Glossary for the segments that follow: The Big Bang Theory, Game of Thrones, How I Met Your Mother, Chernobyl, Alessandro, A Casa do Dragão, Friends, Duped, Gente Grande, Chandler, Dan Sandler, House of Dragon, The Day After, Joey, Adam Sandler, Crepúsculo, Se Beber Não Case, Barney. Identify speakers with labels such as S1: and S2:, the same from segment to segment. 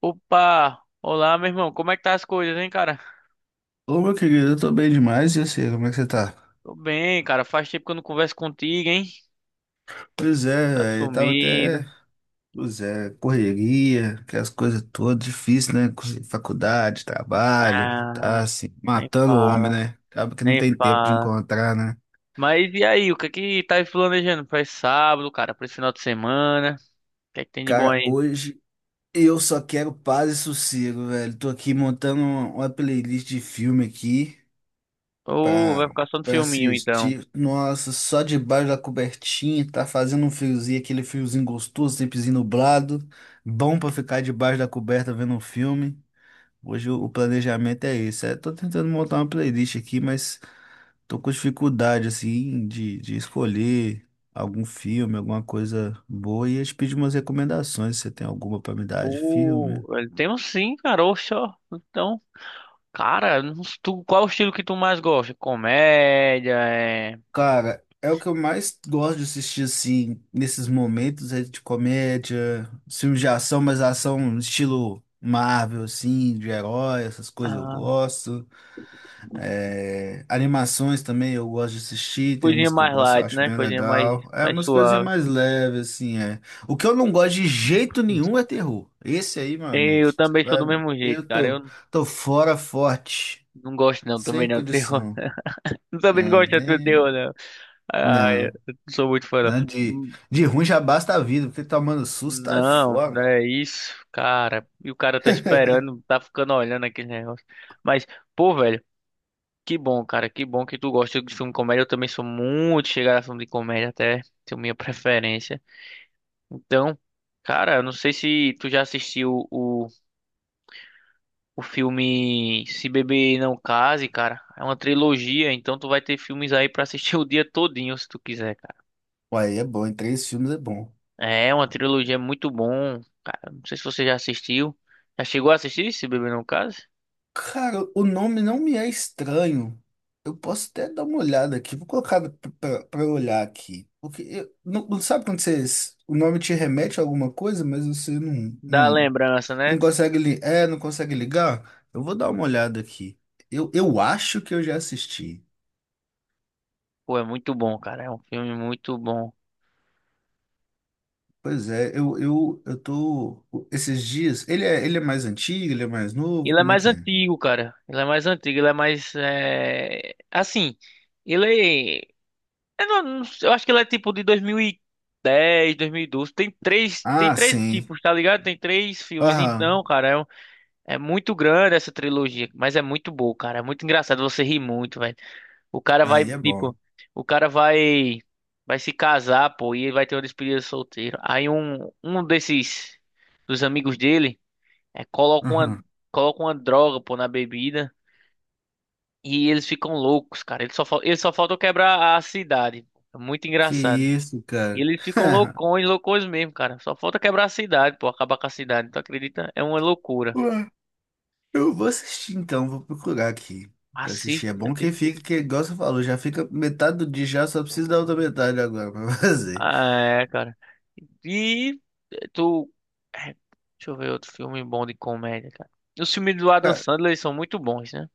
S1: Opa! Olá, meu irmão. Como é que tá as coisas, hein, cara?
S2: Ô, meu querido, eu tô bem demais, e assim, como é que você tá?
S1: Tô bem, cara. Faz tempo que eu não converso contigo, hein?
S2: Pois é,
S1: Tá
S2: velho, eu tava
S1: sumido.
S2: até, pois é, correria, aquelas coisas todas, difícil, né? Com faculdade, trabalho, tá
S1: Ah,
S2: assim,
S1: nem
S2: matando o homem,
S1: fala,
S2: né? Acaba que não
S1: nem
S2: tem tempo de
S1: fala.
S2: encontrar, né?
S1: Mas e aí, o que é que tá planejando pra esse sábado, cara? Pra esse final de semana? O que é que tem de bom
S2: Cara,
S1: aí?
S2: hoje eu só quero paz e sossego, velho. Tô aqui montando uma playlist de filme aqui.
S1: Ô, vai
S2: pra,
S1: ficar só no
S2: pra
S1: filminho, então.
S2: assistir. Nossa, só debaixo da cobertinha, tá fazendo um friozinho, aquele friozinho gostoso, tempozinho nublado. Bom pra ficar debaixo da coberta vendo um filme. Hoje o planejamento é esse. É, tô tentando montar uma playlist aqui, mas tô com dificuldade, assim, de escolher algum filme, alguma coisa boa. E eu te pedi umas recomendações, se você tem alguma pra me dar de filme.
S1: Uh, Temos sim, cara. Oxe, ó. Então, cara, não s- tu, qual é o estilo que tu mais gosta? Comédia, é...
S2: Cara, é o que eu mais gosto de assistir, assim, nesses momentos, é de comédia, filmes de ação, mas ação estilo Marvel, assim, de herói, essas coisas eu
S1: Ah,
S2: gosto. É, animações também eu gosto de assistir, tem
S1: coisinha
S2: umas que eu
S1: mais
S2: gosto, eu
S1: light,
S2: acho
S1: né?
S2: bem
S1: Coisinha mais,
S2: legal. É
S1: mais
S2: umas coisinhas
S1: suave.
S2: mais leves, assim, é. O que eu não gosto de jeito nenhum é terror. Esse aí, meu amigo,
S1: Eu também sou do
S2: vai-
S1: mesmo
S2: eu
S1: jeito, cara.
S2: tô,
S1: Eu
S2: tô fora forte,
S1: não gosto não,
S2: sem
S1: também não, do terror.
S2: condição.
S1: Não
S2: É,
S1: também não gosto de terror,
S2: nem.
S1: não. Ai, eu
S2: Não.
S1: não sou muito fã,
S2: Né? De,
S1: não.
S2: de ruim já basta a vida, porque tomando susto tá
S1: Não,
S2: fora.
S1: não é isso, cara. E o cara tá esperando, tá ficando olhando aquele negócio. Mas, pô, velho, que bom, cara. Que bom que tu gosta de filme de comédia. Eu também sou muito chegado a filme de comédia, até tenho minha preferência. Então, cara, eu não sei se tu já assistiu o. o filme Se Beber Não Case, cara. É uma trilogia, então tu vai ter filmes aí pra assistir o dia todinho se tu quiser, cara.
S2: Uai, é bom, em três filmes é bom.
S1: É uma trilogia muito bom, cara. Não sei se você já assistiu. Já chegou a assistir Se Beber Não Case?
S2: Cara, o nome não me é estranho. Eu posso até dar uma olhada aqui, vou colocar pra eu olhar aqui. Porque não sabe quando vocês, o nome te remete a alguma coisa, mas você não,
S1: Dá
S2: não,
S1: lembrança, né?
S2: não consegue, não consegue ligar? Eu vou dar uma olhada aqui. Eu acho que eu já assisti.
S1: Pô, é muito bom, cara. É um filme muito bom.
S2: Pois é, eu tô. Esses dias. Ele é mais antigo, ele é mais novo,
S1: Ele é
S2: como é
S1: mais
S2: que é?
S1: antigo, cara. Ele é mais antigo, ele é mais é... assim, ele é Eu, não sei, eu acho que ela é tipo de dois mil e dez, dois mil e doze. Tem
S2: Ah,
S1: três
S2: sim.
S1: tipos, tá ligado? Tem três filmes. Então,
S2: Aham.
S1: cara, é muito grande essa trilogia, mas é muito boa, cara. É muito engraçado, você ri muito, velho. O cara vai,
S2: Aí é bom.
S1: tipo, o cara vai vai se casar, pô, e ele vai ter uma despedida solteiro. Aí um desses dos amigos dele é, coloca uma
S2: Aham.
S1: coloca uma droga, pô, na bebida e eles ficam loucos, cara. Ele só falta quebrar a cidade. É muito
S2: Que
S1: engraçado.
S2: isso,
S1: E
S2: cara.
S1: eles ficam loucões, loucões mesmo, cara. Só falta quebrar a cidade, pô, acabar com a cidade. Tu acredita? É uma loucura.
S2: Ué, eu vou assistir então, vou procurar aqui pra assistir.
S1: Assiste,
S2: É bom que
S1: assiste.
S2: fica, que igual você falou, já fica metade do dia já, só precisa da outra metade agora pra fazer.
S1: Ah, é, cara. E tu. é, Deixa eu ver outro filme bom de comédia, cara. Os filmes do Adam
S2: Cara,
S1: Sandler eles são muito bons, né?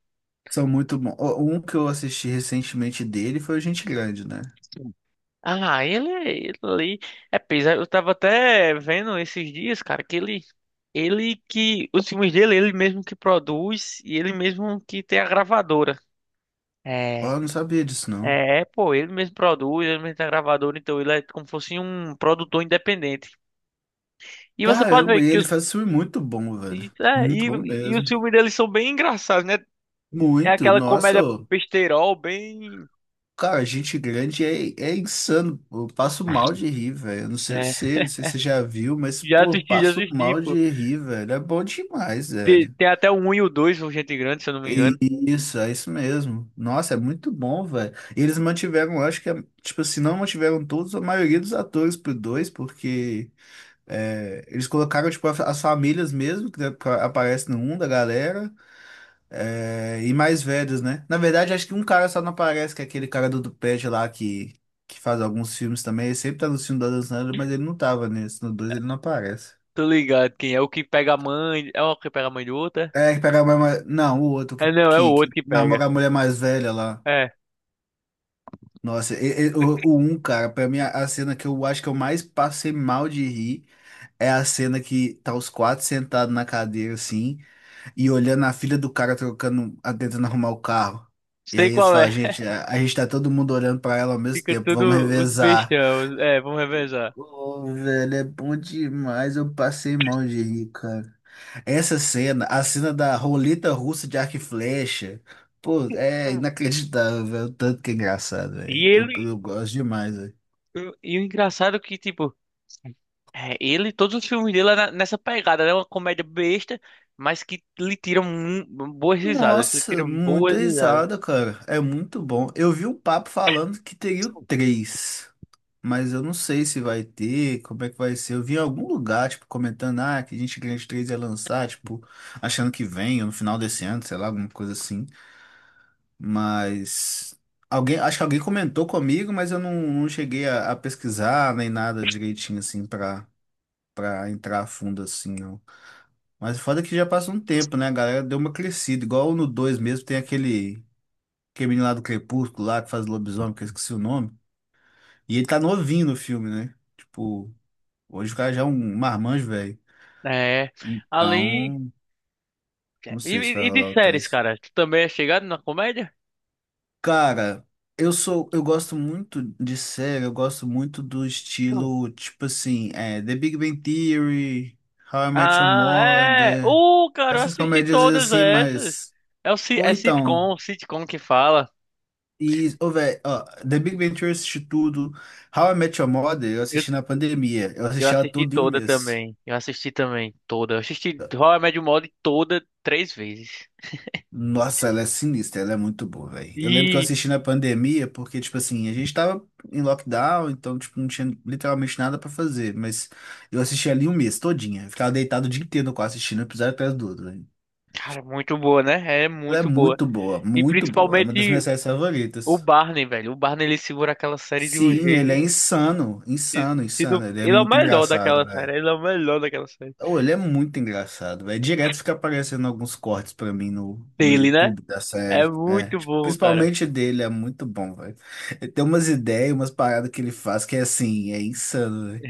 S2: são muito bons. Ó, um que eu assisti recentemente dele foi o Gente Grande, né?
S1: Sim. Ah, ele ali é pesado. Eu tava até vendo esses dias, cara, ele que os filmes dele, ele mesmo que produz e ele mesmo que tem a gravadora.
S2: Ó,
S1: É.
S2: eu não sabia disso, não.
S1: É, pô, ele mesmo produz, ele mesmo tá gravador, então ele é como se fosse um produtor independente. E você pode ver
S2: Caramba, e
S1: que
S2: ele
S1: os,
S2: faz filme muito bom, velho.
S1: e, é,
S2: Muito bom
S1: e os
S2: mesmo.
S1: filmes deles são bem engraçados, né? É
S2: Muito,
S1: aquela
S2: nossa.
S1: comédia
S2: Ô.
S1: besteirol, bem.
S2: Cara, gente grande é insano. Eu passo mal de rir, velho. Eu não sei
S1: É,
S2: você, não sei se você já viu, mas, pô, eu
S1: já
S2: passo
S1: assisti,
S2: mal
S1: pô.
S2: de rir, velho. É bom demais, velho.
S1: Tem até o um e o 2 o Gente Grande, se eu não me
S2: E-
S1: engano.
S2: e isso, é isso mesmo. Nossa, é muito bom, velho. E eles mantiveram, eu acho que, tipo, se não mantiveram todos, a maioria dos atores pro dois, porque é, eles colocaram, tipo, as famílias mesmo, que né, aparece no um da galera. É, e mais velhos, né? Na verdade, acho que um cara só não aparece, que é aquele cara do Duped lá que faz alguns filmes também. Ele sempre tá no filme da Dan Sandler, mas ele não tava nesse. No dois ele não aparece.
S1: Tô ligado, quem é o que pega a mãe. É o que pega a mãe do outro, é?
S2: É, que pega a mulher mais. Não, o outro que,
S1: É, não, é o
S2: que,
S1: outro
S2: que
S1: que pega.
S2: namora a mulher mais velha lá.
S1: É,
S2: Nossa, o um, cara, pra mim, a cena que eu acho que eu mais passei mal de rir é a cena que tá os quatro sentados na cadeira, assim. E olhando a filha do cara trocando, tentando arrumar o carro. E
S1: sei
S2: aí eles
S1: qual é.
S2: falam, gente, a gente tá todo mundo olhando pra ela ao mesmo
S1: Fica
S2: tempo, vamos
S1: tudo os
S2: revezar.
S1: bestão. É, vamos revezar.
S2: Ô, velho, é bom demais, eu passei mal de rir, cara. Essa cena, a cena da roleta russa de arco e flecha, pô, é inacreditável, velho, o tanto que é engraçado,
S1: E
S2: velho. Eu,
S1: ele.
S2: eu gosto demais, velho.
S1: E o engraçado é que, tipo, todos os filmes dele é nessa pegada, né? Uma comédia besta, mas que boas risadas. Lhe
S2: Nossa,
S1: tiram
S2: muita
S1: boas risadas.
S2: risada, cara. É muito bom. Eu vi um papo falando que teria o três. Mas eu não sei se vai ter, como é que vai ser. Eu vi em algum lugar, tipo, comentando, ah, que a Gente Grande 3 ia lançar, tipo, achando que vem, ou no final desse ano, sei lá, alguma coisa assim. Mas alguém, acho que alguém comentou comigo, mas eu não cheguei a pesquisar nem nada direitinho, assim, para entrar a fundo, assim, não. Mas o foda é que já passa um tempo, né? A galera deu uma crescida, igual no 2 mesmo, tem aquele menino lá do Crepúsculo, lá, que faz lobisomem, que eu esqueci o nome. E ele tá novinho no filme, né? Tipo. Hoje o cara já é um marmanjo, velho.
S1: É. Ali.
S2: Então,
S1: É,
S2: não
S1: E,
S2: sei se vai
S1: e de
S2: rolar o
S1: séries,
S2: Tais.
S1: cara? Tu também é chegado na comédia?
S2: Cara, eu sou, eu gosto muito de série, eu gosto muito do
S1: Não.
S2: estilo, tipo assim, é, The Big Bang Theory, How I Met Your
S1: Ah, é.
S2: Mother,
S1: Cara, eu
S2: essas
S1: assisti
S2: comédias
S1: todas
S2: assim,
S1: essas.
S2: mas.
S1: É
S2: Ou
S1: é
S2: então,
S1: sitcom, sitcom que fala.
S2: e, ô, velho, ó, The Big Bang Theory eu assisti tudo, How I Met Your Mother eu
S1: Eu,
S2: assisti na pandemia, eu
S1: eu
S2: assisti ela
S1: assisti
S2: toda em um
S1: toda
S2: mês.
S1: também. Eu assisti também, toda. Eu assisti How I Met Your Mother toda três vezes.
S2: Nossa, ela é sinistra, ela é muito boa, velho. Eu lembro que eu
S1: E
S2: assisti na pandemia, porque, tipo assim, a gente tava em lockdown, então, tipo, não tinha literalmente nada pra fazer. Mas eu assisti ali um mês todinha. Eu ficava deitado o dia inteiro no quarto assistindo um episódio atrás do outro, velho.
S1: Cara, muito boa, né? É
S2: Ela é
S1: muito boa.
S2: muito boa,
S1: E
S2: muito boa. É uma das
S1: principalmente
S2: minhas séries
S1: o
S2: favoritas.
S1: Barney, velho. O Barney ele segura aquela série de um
S2: Sim,
S1: jeito.
S2: ele é insano,
S1: Se,
S2: insano,
S1: se não-
S2: insano. Ele é
S1: Ele é o
S2: muito
S1: melhor
S2: engraçado.
S1: daquela série. Ele é o melhor daquela série.
S2: Oh, ele é muito engraçado, velho. Direto fica aparecendo alguns cortes pra mim no
S1: Dele, né?
S2: YouTube da
S1: É
S2: série. É,
S1: muito
S2: tipo,
S1: bom, cara.
S2: principalmente dele, é muito bom, velho. Ele tem umas ideias, umas paradas que ele faz que é assim, é insano, velho.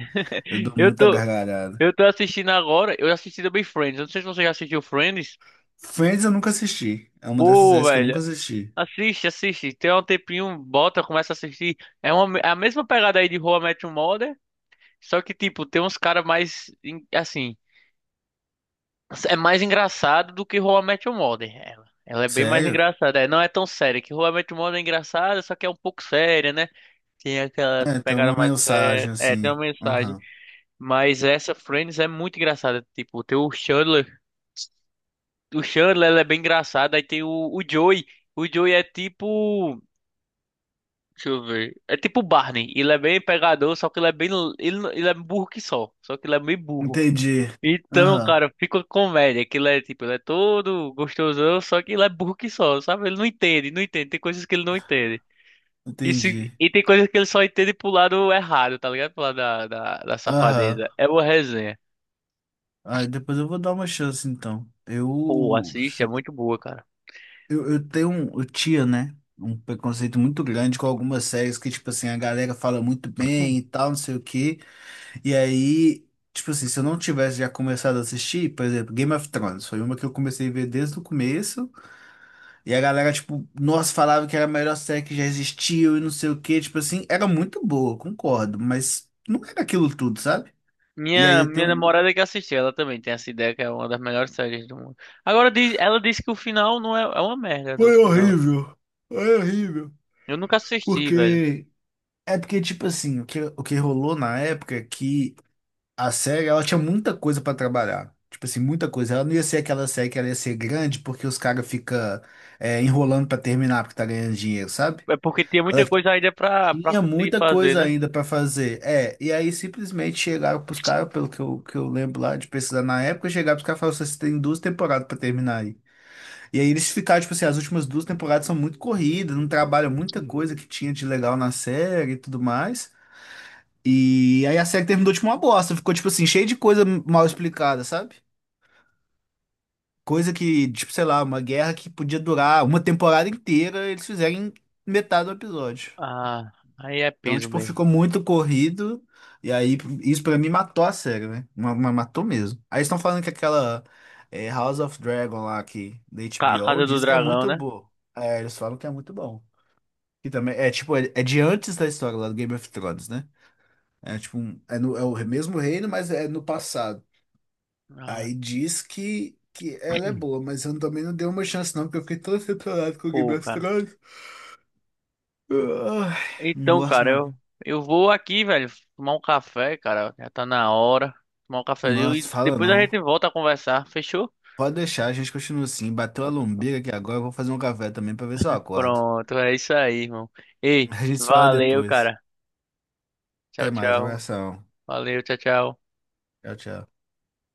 S2: Eu dou
S1: Eu
S2: muita
S1: tô,
S2: gargalhada.
S1: eu tô assistindo agora. Eu assisti também Friends. Eu não sei se você já assistiu Friends.
S2: Friends eu nunca assisti. É uma dessas
S1: Pô,
S2: séries que eu
S1: velho.
S2: nunca assisti.
S1: Assiste, assiste. Tem um tempinho, bota, começa a assistir. É a mesma pegada aí de How I Met Your Mother. Só que, tipo, tem uns caras mais, assim. É mais engraçado do que How I Met Your Mother. Ela é bem mais
S2: Sério?
S1: engraçada. É, não é tão séria. Que How I Met Your Mother é engraçada, só que é um pouco séria, né? Tem aquelas
S2: É, tem
S1: pegadas
S2: uma
S1: mais sérias.
S2: mensagem
S1: É, tem
S2: assim.
S1: uma mensagem.
S2: Aham.
S1: Mas essa Friends é muito engraçada. Tipo, tem o Chandler. O Chandler, ela é bem engraçado. Aí tem o Joey. O Joey é tipo. Deixa eu ver. É tipo o Barney. Ele é bem pegador, só que ele é bem. Ele é burro que só. Só que ele é meio burro.
S2: Entendi.
S1: Então,
S2: Aham.
S1: cara, fica uma comédia. Aquilo é tipo, ele é todo gostosão, só que ele é burro que só, sabe? Ele não entende, não entende. Tem coisas que ele não entende. E, se-
S2: Entendi.
S1: e tem coisas que ele só entende pro lado errado, tá ligado? Pro lado da
S2: Aham.
S1: safadeza. É uma resenha.
S2: Ah, depois eu vou dar uma chance então.
S1: Pô,
S2: Eu.
S1: assiste, é muito boa, cara.
S2: Eu tenho um, eu tinha, né, um preconceito muito grande com algumas séries que, tipo assim, a galera fala muito
S1: Hum.
S2: bem e tal, não sei o quê. E aí, tipo assim, se eu não tivesse já começado a assistir, por exemplo, Game of Thrones, foi uma que eu comecei a ver desde o começo. E a galera, tipo, nossa, falava que era a melhor série que já existiu e não sei o quê. Tipo assim, era muito boa, concordo, mas não era aquilo tudo, sabe? E aí eu
S1: Minha
S2: tenho um.
S1: namorada é que assistiu, ela também tem essa ideia que é uma das melhores séries do mundo. Agora, ela disse que o final não é, é uma merda do
S2: Foi
S1: final.
S2: horrível, foi horrível.
S1: Eu nunca assisti, velho.
S2: Porque. É porque, tipo assim, o que rolou na época é que a série, ela tinha muita coisa pra trabalhar. Tipo assim, muita coisa. Ela não ia ser aquela série que ela ia ser grande porque os caras ficam enrolando pra terminar porque tá ganhando dinheiro, sabe?
S1: É porque tinha muita coisa ainda pra
S2: Tinha
S1: conseguir
S2: muita
S1: fazer,
S2: coisa
S1: né?
S2: ainda pra fazer. É, e aí simplesmente chegaram pros caras, pelo que que eu lembro lá de pesquisar na época, chegaram pros caras e falaram assim, você tem duas temporadas pra terminar aí. E aí eles ficaram, tipo assim, as últimas duas temporadas são muito corridas, não trabalham muita coisa que tinha de legal na série e tudo mais. E aí a série terminou tipo uma bosta, ficou tipo assim, cheio de coisa mal explicada, sabe? Coisa que, tipo, sei lá, uma guerra que podia durar uma temporada inteira, eles fizerem metade do episódio.
S1: Ah, aí é
S2: Então,
S1: peso
S2: tipo,
S1: mesmo.
S2: ficou muito corrido. E aí, isso pra mim matou a série, né? Matou mesmo. Aí estão falando que aquela House of Dragon lá que, da
S1: A
S2: HBO
S1: Casa do
S2: diz que é
S1: Dragão,
S2: muito
S1: né?
S2: boa. É, eles falam que é muito bom. Que também é tipo, é de antes da história lá do Game of Thrones, né? É tipo, é, no, é o mesmo reino, mas é no passado.
S1: Ah,
S2: Aí diz que ela é boa, mas eu também não dei uma chance, não, porque eu fiquei tão decepcionado com o Game
S1: pô,
S2: of
S1: cara.
S2: Thrones. Ai,
S1: Então,
S2: nossa,
S1: cara, eu,
S2: mas.
S1: eu vou aqui, velho, tomar um café, cara. Já tá na hora. Tomar um cafezinho
S2: Nossa,
S1: e
S2: fala
S1: depois a
S2: não.
S1: gente volta a conversar. Fechou?
S2: Pode deixar, a gente continua assim. Bateu a lombriga aqui agora, eu vou fazer um café também pra ver se eu acordo.
S1: Pronto, é isso aí, irmão. Ei,
S2: A gente se fala
S1: valeu,
S2: depois.
S1: cara. Tchau,
S2: Até mais,
S1: tchau.
S2: abração.
S1: Valeu, tchau, tchau.
S2: Tchau, tchau.